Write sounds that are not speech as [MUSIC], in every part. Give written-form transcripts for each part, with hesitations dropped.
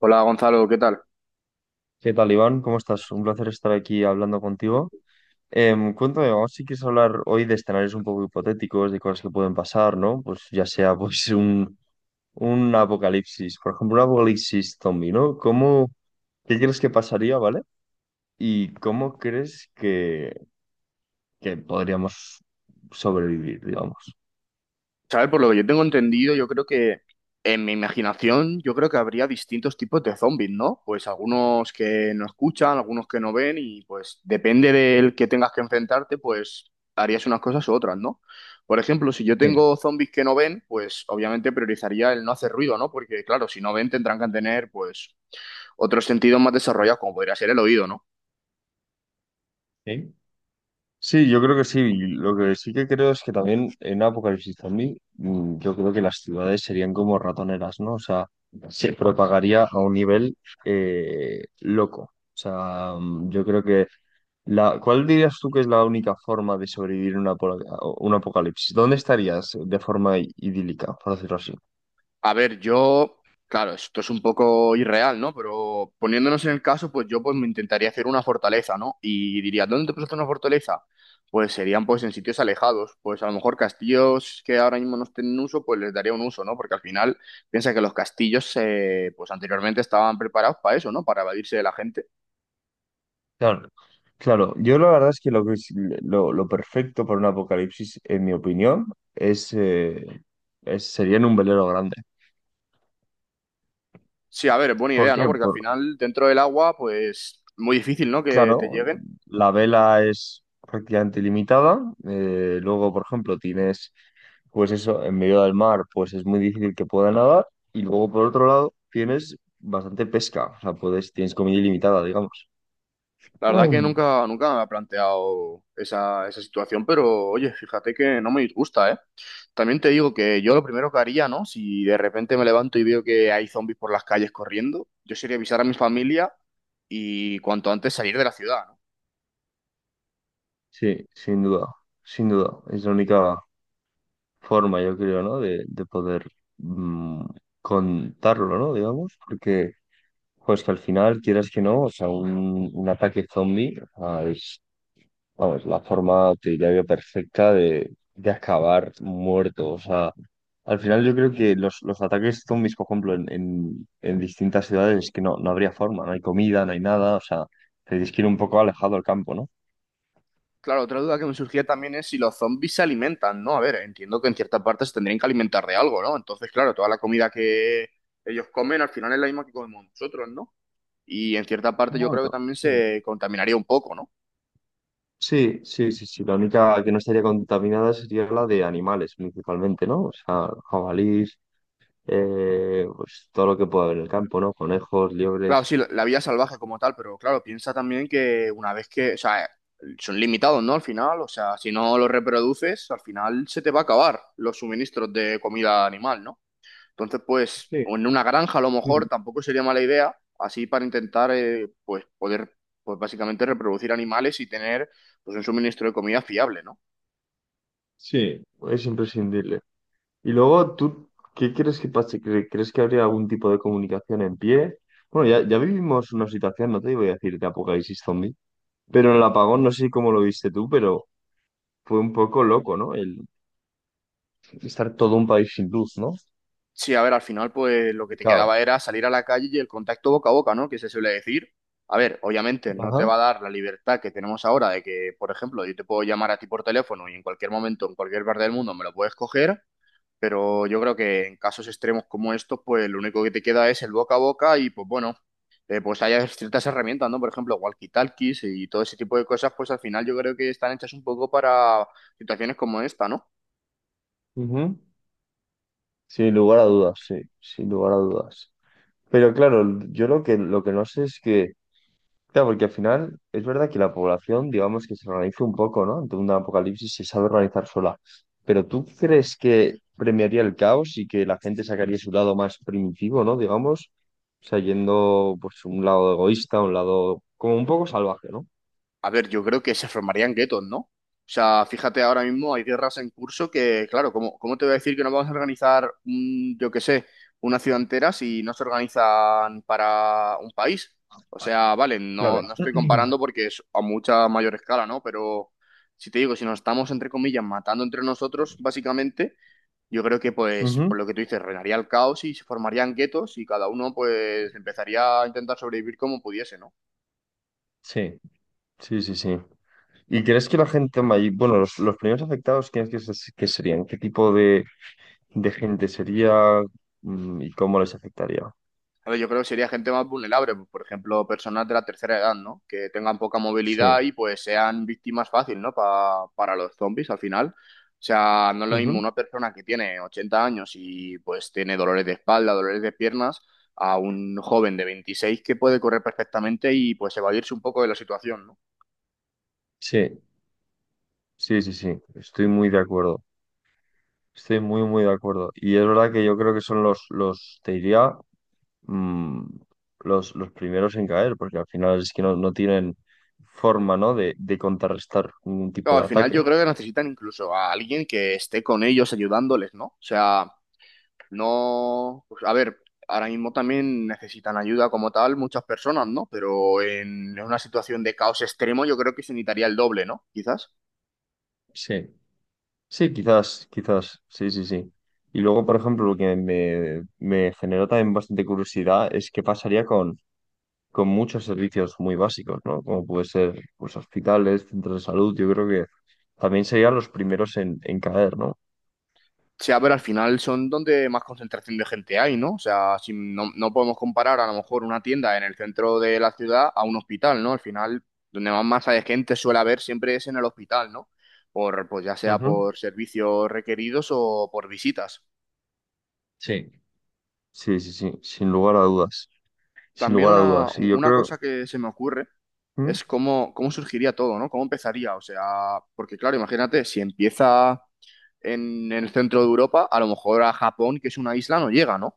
Hola Gonzalo, ¿qué tal? ¿Qué tal, Iván? ¿Cómo estás? Un placer estar aquí hablando contigo. Cuéntame, vamos, si quieres hablar hoy de escenarios un poco hipotéticos, de cosas que pueden pasar, ¿no? Pues ya sea pues un apocalipsis, por ejemplo, un apocalipsis zombie, ¿no? ¿Qué crees que pasaría, ¿vale? ¿Y cómo crees que podríamos sobrevivir, digamos? ¿Sabes? Por lo que yo tengo entendido, yo creo que en mi imaginación, yo creo que habría distintos tipos de zombies, ¿no? Pues algunos que no escuchan, algunos que no ven y pues depende del que tengas que enfrentarte, pues harías unas cosas u otras, ¿no? Por ejemplo, si yo Sí. tengo zombies que no ven, pues obviamente priorizaría el no hacer ruido, ¿no? Porque claro, si no ven tendrán que tener pues otros sentidos más desarrollados, como podría ser el oído, ¿no? ¿Sí? Sí, yo creo que sí. Y lo que sí que creo es que también en apocalipsis zombie, yo creo que las ciudades serían como ratoneras, ¿no? O sea, se propagaría a un nivel loco. O sea, yo creo que la, ¿cuál dirías tú que es la única forma de sobrevivir una, un apocalipsis? ¿Dónde estarías de forma idílica, por decirlo así? A ver, yo, claro, esto es un poco irreal, ¿no? Pero poniéndonos en el caso, pues yo pues me intentaría hacer una fortaleza, ¿no? Y diría, ¿dónde te puedes hacer una fortaleza? Pues serían pues en sitios alejados, pues a lo mejor castillos que ahora mismo no estén en uso, pues les daría un uso, ¿no? Porque al final piensa que los castillos pues anteriormente estaban preparados para eso, ¿no? Para evadirse de la gente. Claro. Claro, yo la verdad es que lo que es- lo perfecto para un apocalipsis, en mi opinión, es, sería en un velero grande. Sí, a ver, es buena ¿Por idea, ¿no? qué? Porque al Por- final dentro del agua, pues muy difícil, ¿no? Que te claro, lleguen. la vela es prácticamente ilimitada. Luego, por ejemplo, tienes, pues eso, en medio del mar, pues es muy difícil que pueda nadar. Y luego, por otro lado, tienes bastante pesca. O sea, puedes, tienes comida ilimitada, digamos. [CLEARS THROAT] La verdad que Mm. nunca, nunca me ha planteado esa, esa situación, pero oye, fíjate que no me disgusta, ¿eh? También te digo que yo lo primero que haría, ¿no? Si de repente me levanto y veo que hay zombies por las calles corriendo, yo sería avisar a mi familia y cuanto antes salir de la ciudad, ¿no? Sí, sin duda, sin duda. Es la única forma, yo creo, ¿no? De poder mm, contarlo, ¿no? Digamos, porque, pues que al final, quieras que no, o sea, un ataque zombie, o sea, es vamos, es la forma, te diría yo, perfecta de acabar muerto. O sea, al final yo creo que los ataques zombies, por ejemplo, en distintas ciudades es que no, no habría forma, no hay comida, no hay nada. O sea, tendrías que ir un poco alejado al campo, ¿no? Claro, otra duda que me surgía también es si los zombies se alimentan, ¿no? A ver, entiendo que en ciertas partes se tendrían que alimentar de algo, ¿no? Entonces, claro, toda la comida que ellos comen al final es la misma que comemos nosotros, ¿no? Y en cierta parte yo Bueno, creo que también sí. se contaminaría un poco, ¿no? Sí, sí, sí, sí. La única que no estaría contaminada sería la de animales, principalmente, ¿no? O sea, jabalís, pues todo lo que pueda haber en el campo, ¿no? Conejos, Claro, liebres. sí, la vida salvaje como tal, pero claro, piensa también que una vez que, o sea, son limitados, ¿no? Al final, o sea, si no los reproduces, al final se te va a acabar los suministros de comida animal, ¿no? Entonces, pues, Sí. o en una granja a lo mejor Mm. tampoco sería mala idea, así para intentar, pues, poder, pues, básicamente reproducir animales y tener, pues, un suministro de comida fiable, ¿no? Sí, es imprescindible. Y luego, ¿tú qué crees que pase? ¿Crees que habría algún tipo de comunicación en pie? Bueno, ya vivimos una situación, no te voy a decir de apocalipsis zombie, pero en el apagón, no sé si cómo lo viste tú, pero fue un poco loco, ¿no? El estar todo un país sin luz, ¿no? Sí, a ver, al final, pues lo que De te caos. quedaba era salir a la calle y el contacto boca a boca, ¿no? Que se suele decir. A ver, obviamente no te Ajá. va a dar la libertad que tenemos ahora de que, por ejemplo, yo te puedo llamar a ti por teléfono y en cualquier momento, en cualquier parte del mundo me lo puedes coger, pero yo creo que en casos extremos como estos, pues lo único que te queda es el boca a boca y, pues bueno, pues hay ciertas herramientas, ¿no? Por ejemplo, walkie-talkies y todo ese tipo de cosas, pues al final yo creo que están hechas un poco para situaciones como esta, ¿no? Ujú. Sin lugar a dudas, sí, sin lugar a dudas. Pero claro, yo lo que no sé es que claro, porque al final es verdad que la población, digamos que se organiza un poco, ¿no? Ante un apocalipsis se sabe organizar sola. Pero ¿tú crees que premiaría el caos y que la gente sacaría su lado más primitivo, ¿no? Digamos, o sea, yendo pues un lado egoísta, un lado como un poco salvaje, ¿no? A ver, yo creo que se formarían guetos, ¿no? O sea, fíjate, ahora mismo hay guerras en curso que, claro, ¿cómo, cómo te voy a decir que no vamos a organizar, un, yo qué sé, una ciudad entera si no se organizan para un país? O sea, vale, no, Claro. no estoy comparando [CLEARS THROAT] porque es a mucha mayor escala, ¿no? Pero si te digo, si nos estamos, entre comillas, matando entre nosotros, básicamente, yo creo que, pues, Ujú. por lo que tú dices, reinaría el caos y se formarían guetos y cada uno, pues, empezaría a intentar sobrevivir como pudiese, ¿no? Sí, sí, sí, sí. ¿Y crees que la gente bueno, los primeros afectados, ¿quiénes que serían? ¿Qué tipo de gente sería y cómo les afectaría? A ver, yo creo que sería gente más vulnerable, pues, por ejemplo, personas de la tercera edad, ¿no? Que tengan poca Sí. movilidad y pues sean víctimas fácil, ¿no? Para los zombies al final. O sea, no es lo mismo Ujú. una persona que tiene 80 años y pues tiene dolores de espalda, dolores de piernas, a un joven de 26 que puede correr perfectamente y pues evadirse un poco de la situación, ¿no? Sí. Sí, sí, sí, estoy muy de acuerdo. Estoy muy, muy de acuerdo. Y es verdad que yo creo que son los, te diría, mm, los primeros en caer, porque al final es que no, no tienen forma, ¿no?, de contrarrestar ningún Claro, tipo al de final yo ataque. creo que necesitan incluso a alguien que esté con ellos ayudándoles, ¿no? O sea... No, pues, a ver, ahora mismo también necesitan ayuda como tal muchas personas, ¿no? Pero en una situación de caos extremo yo creo que se necesitaría el doble, ¿no? Quizás. Sí. Sí, quizás, quizás, sí, sí, sí. Y luego, por ejemplo, lo que me generó también bastante curiosidad es qué pasaría con muchos servicios muy básicos, ¿no? Como puede ser, pues, hospitales, centros de salud, yo creo que también serían los primeros en caer, ¿no? O a ver al final son donde más concentración de gente hay, ¿no? O sea, si no, no podemos comparar a lo mejor una tienda en el centro de la ciudad a un hospital, ¿no? Al final, donde más masa de gente suele haber siempre es en el hospital, ¿no? Por, pues ya sea Ujú. por servicios requeridos o por visitas. Sí. Sí, sí, sí, sin lugar a dudas, sin También lugar a una, dudas. Y yo una creo, cosa que se me ocurre ¿mm? es cómo, cómo surgiría todo, ¿no? ¿Cómo empezaría? O sea, porque claro, imagínate, si empieza en el centro de Europa, a lo mejor a Japón, que es una isla, no llega, ¿no?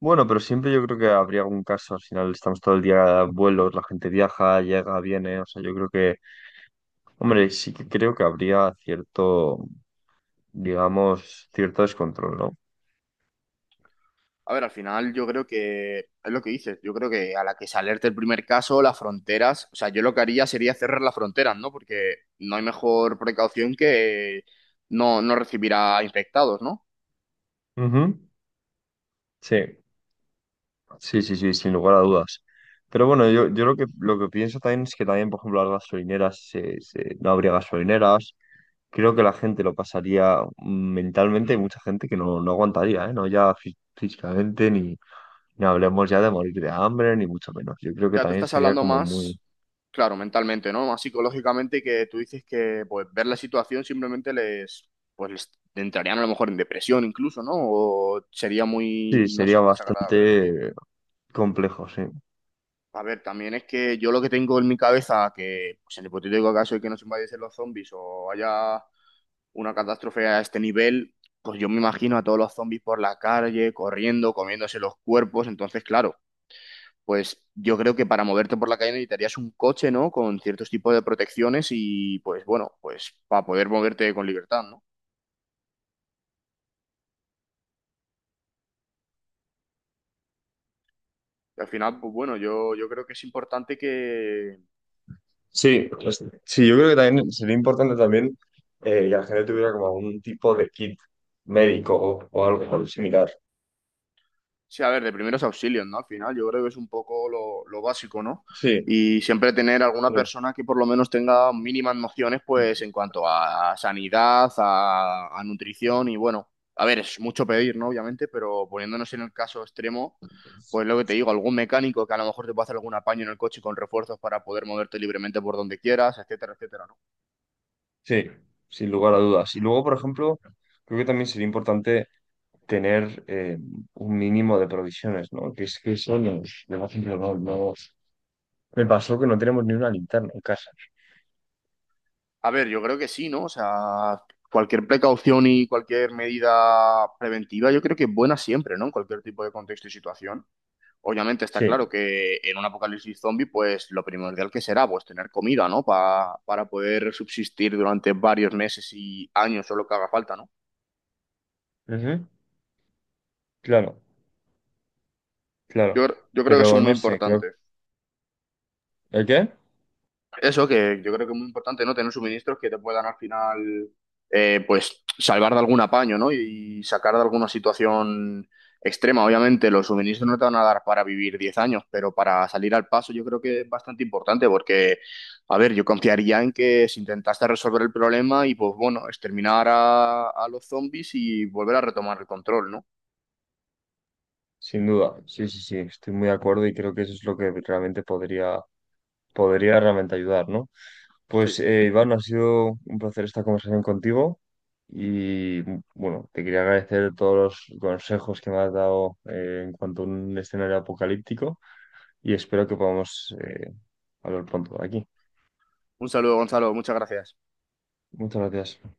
Bueno, pero siempre yo creo que habría algún caso, al final estamos todo el día en vuelos, la gente viaja, llega, viene, o sea, yo creo que, hombre, sí que creo que habría cierto, digamos, cierto descontrol, ¿no? A ver, al final yo creo que es lo que dices, yo creo que a la que se alerte el primer caso, las fronteras, o sea, yo lo que haría sería cerrar las fronteras, ¿no? Porque no hay mejor precaución que no, no recibir a infectados, ¿no? Ujú. Sí, sí, sí, sí, sin lugar a dudas. Pero bueno, yo lo que pienso también es que también, por ejemplo, las gasolineras, no habría gasolineras, creo que la gente lo pasaría mentalmente, hay mucha gente que no, no aguantaría, ¿eh? No ya físicamente, ni, ni hablemos ya de morir de hambre, ni mucho menos. Yo creo que Ya tú también estás sería hablando como muy, más, claro, mentalmente, ¿no? Más psicológicamente que tú dices que pues ver la situación simplemente les, pues les entrarían a lo mejor en depresión incluso, ¿no? O sería muy, sí, no sé, sería desagradable, ¿no? bastante complejo, sí. A ver, también es que yo lo que tengo en mi cabeza, que pues, en el hipotético caso de que nos invadiesen los zombies o haya una catástrofe a este nivel, pues yo me imagino a todos los zombies por la calle, corriendo, comiéndose los cuerpos, entonces, claro. Pues yo creo que para moverte por la calle necesitarías un coche, ¿no? Con ciertos tipos de protecciones y pues bueno, pues para poder moverte con libertad, ¿no? Y al final, pues bueno, yo creo que es importante que Sí, pues, sí, yo creo que también sería importante también que la gente tuviera como algún tipo de kit médico o algo similar. sí, a ver, de primeros auxilios, ¿no? Al final, yo creo que es un poco lo básico, ¿no? Sí, Y siempre tener alguna sí, persona que por lo menos tenga mínimas nociones, pues en cuanto a sanidad, a nutrición y bueno, a ver, es mucho pedir, ¿no? Obviamente, pero poniéndonos en el caso extremo, pues lo que te digo, algún mecánico que a lo mejor te pueda hacer algún apaño en el coche con refuerzos para poder moverte libremente por donde quieras, etcétera, etcétera, ¿no? sí, sin lugar a dudas. Y luego, por ejemplo, creo que también sería importante tener un mínimo de provisiones, ¿no? Que es que eso nos, de vez en cuando nos... Me pasó que no tenemos ni una linterna en casa. A ver, yo creo que sí, ¿no? O sea, cualquier precaución y cualquier medida preventiva, yo creo que es buena siempre, ¿no? En cualquier tipo de contexto y situación. Obviamente está claro Sí. que en un apocalipsis zombie, pues lo primordial que será, pues tener comida, ¿no? Para poder subsistir durante varios meses y años o lo que haga falta, ¿no? Ujú. Claro, Yo, claro. yo creo que Pero son muy no sé, creo... importantes. ¿El qué? Eso que yo creo que es muy importante, ¿no? Tener suministros que te puedan al final, pues, salvar de algún apaño, ¿no? Y sacar de alguna situación extrema. Obviamente, los suministros no te van a dar para vivir 10 años, pero para salir al paso yo creo que es bastante importante porque, a ver, yo confiaría en que si intentaste resolver el problema y, pues, bueno, exterminar a los zombies y volver a retomar el control, ¿no? Sin duda, sí, sí, sí, estoy muy de acuerdo y creo que eso es lo que realmente podría, podría realmente ayudar, ¿no? Sí. Pues Iván, ha sido un placer esta conversación contigo y bueno, te quería agradecer todos los consejos que me has dado en cuanto a un escenario apocalíptico. Y espero que podamos hablar pronto de aquí. Un saludo, Gonzalo. Muchas gracias. Muchas gracias.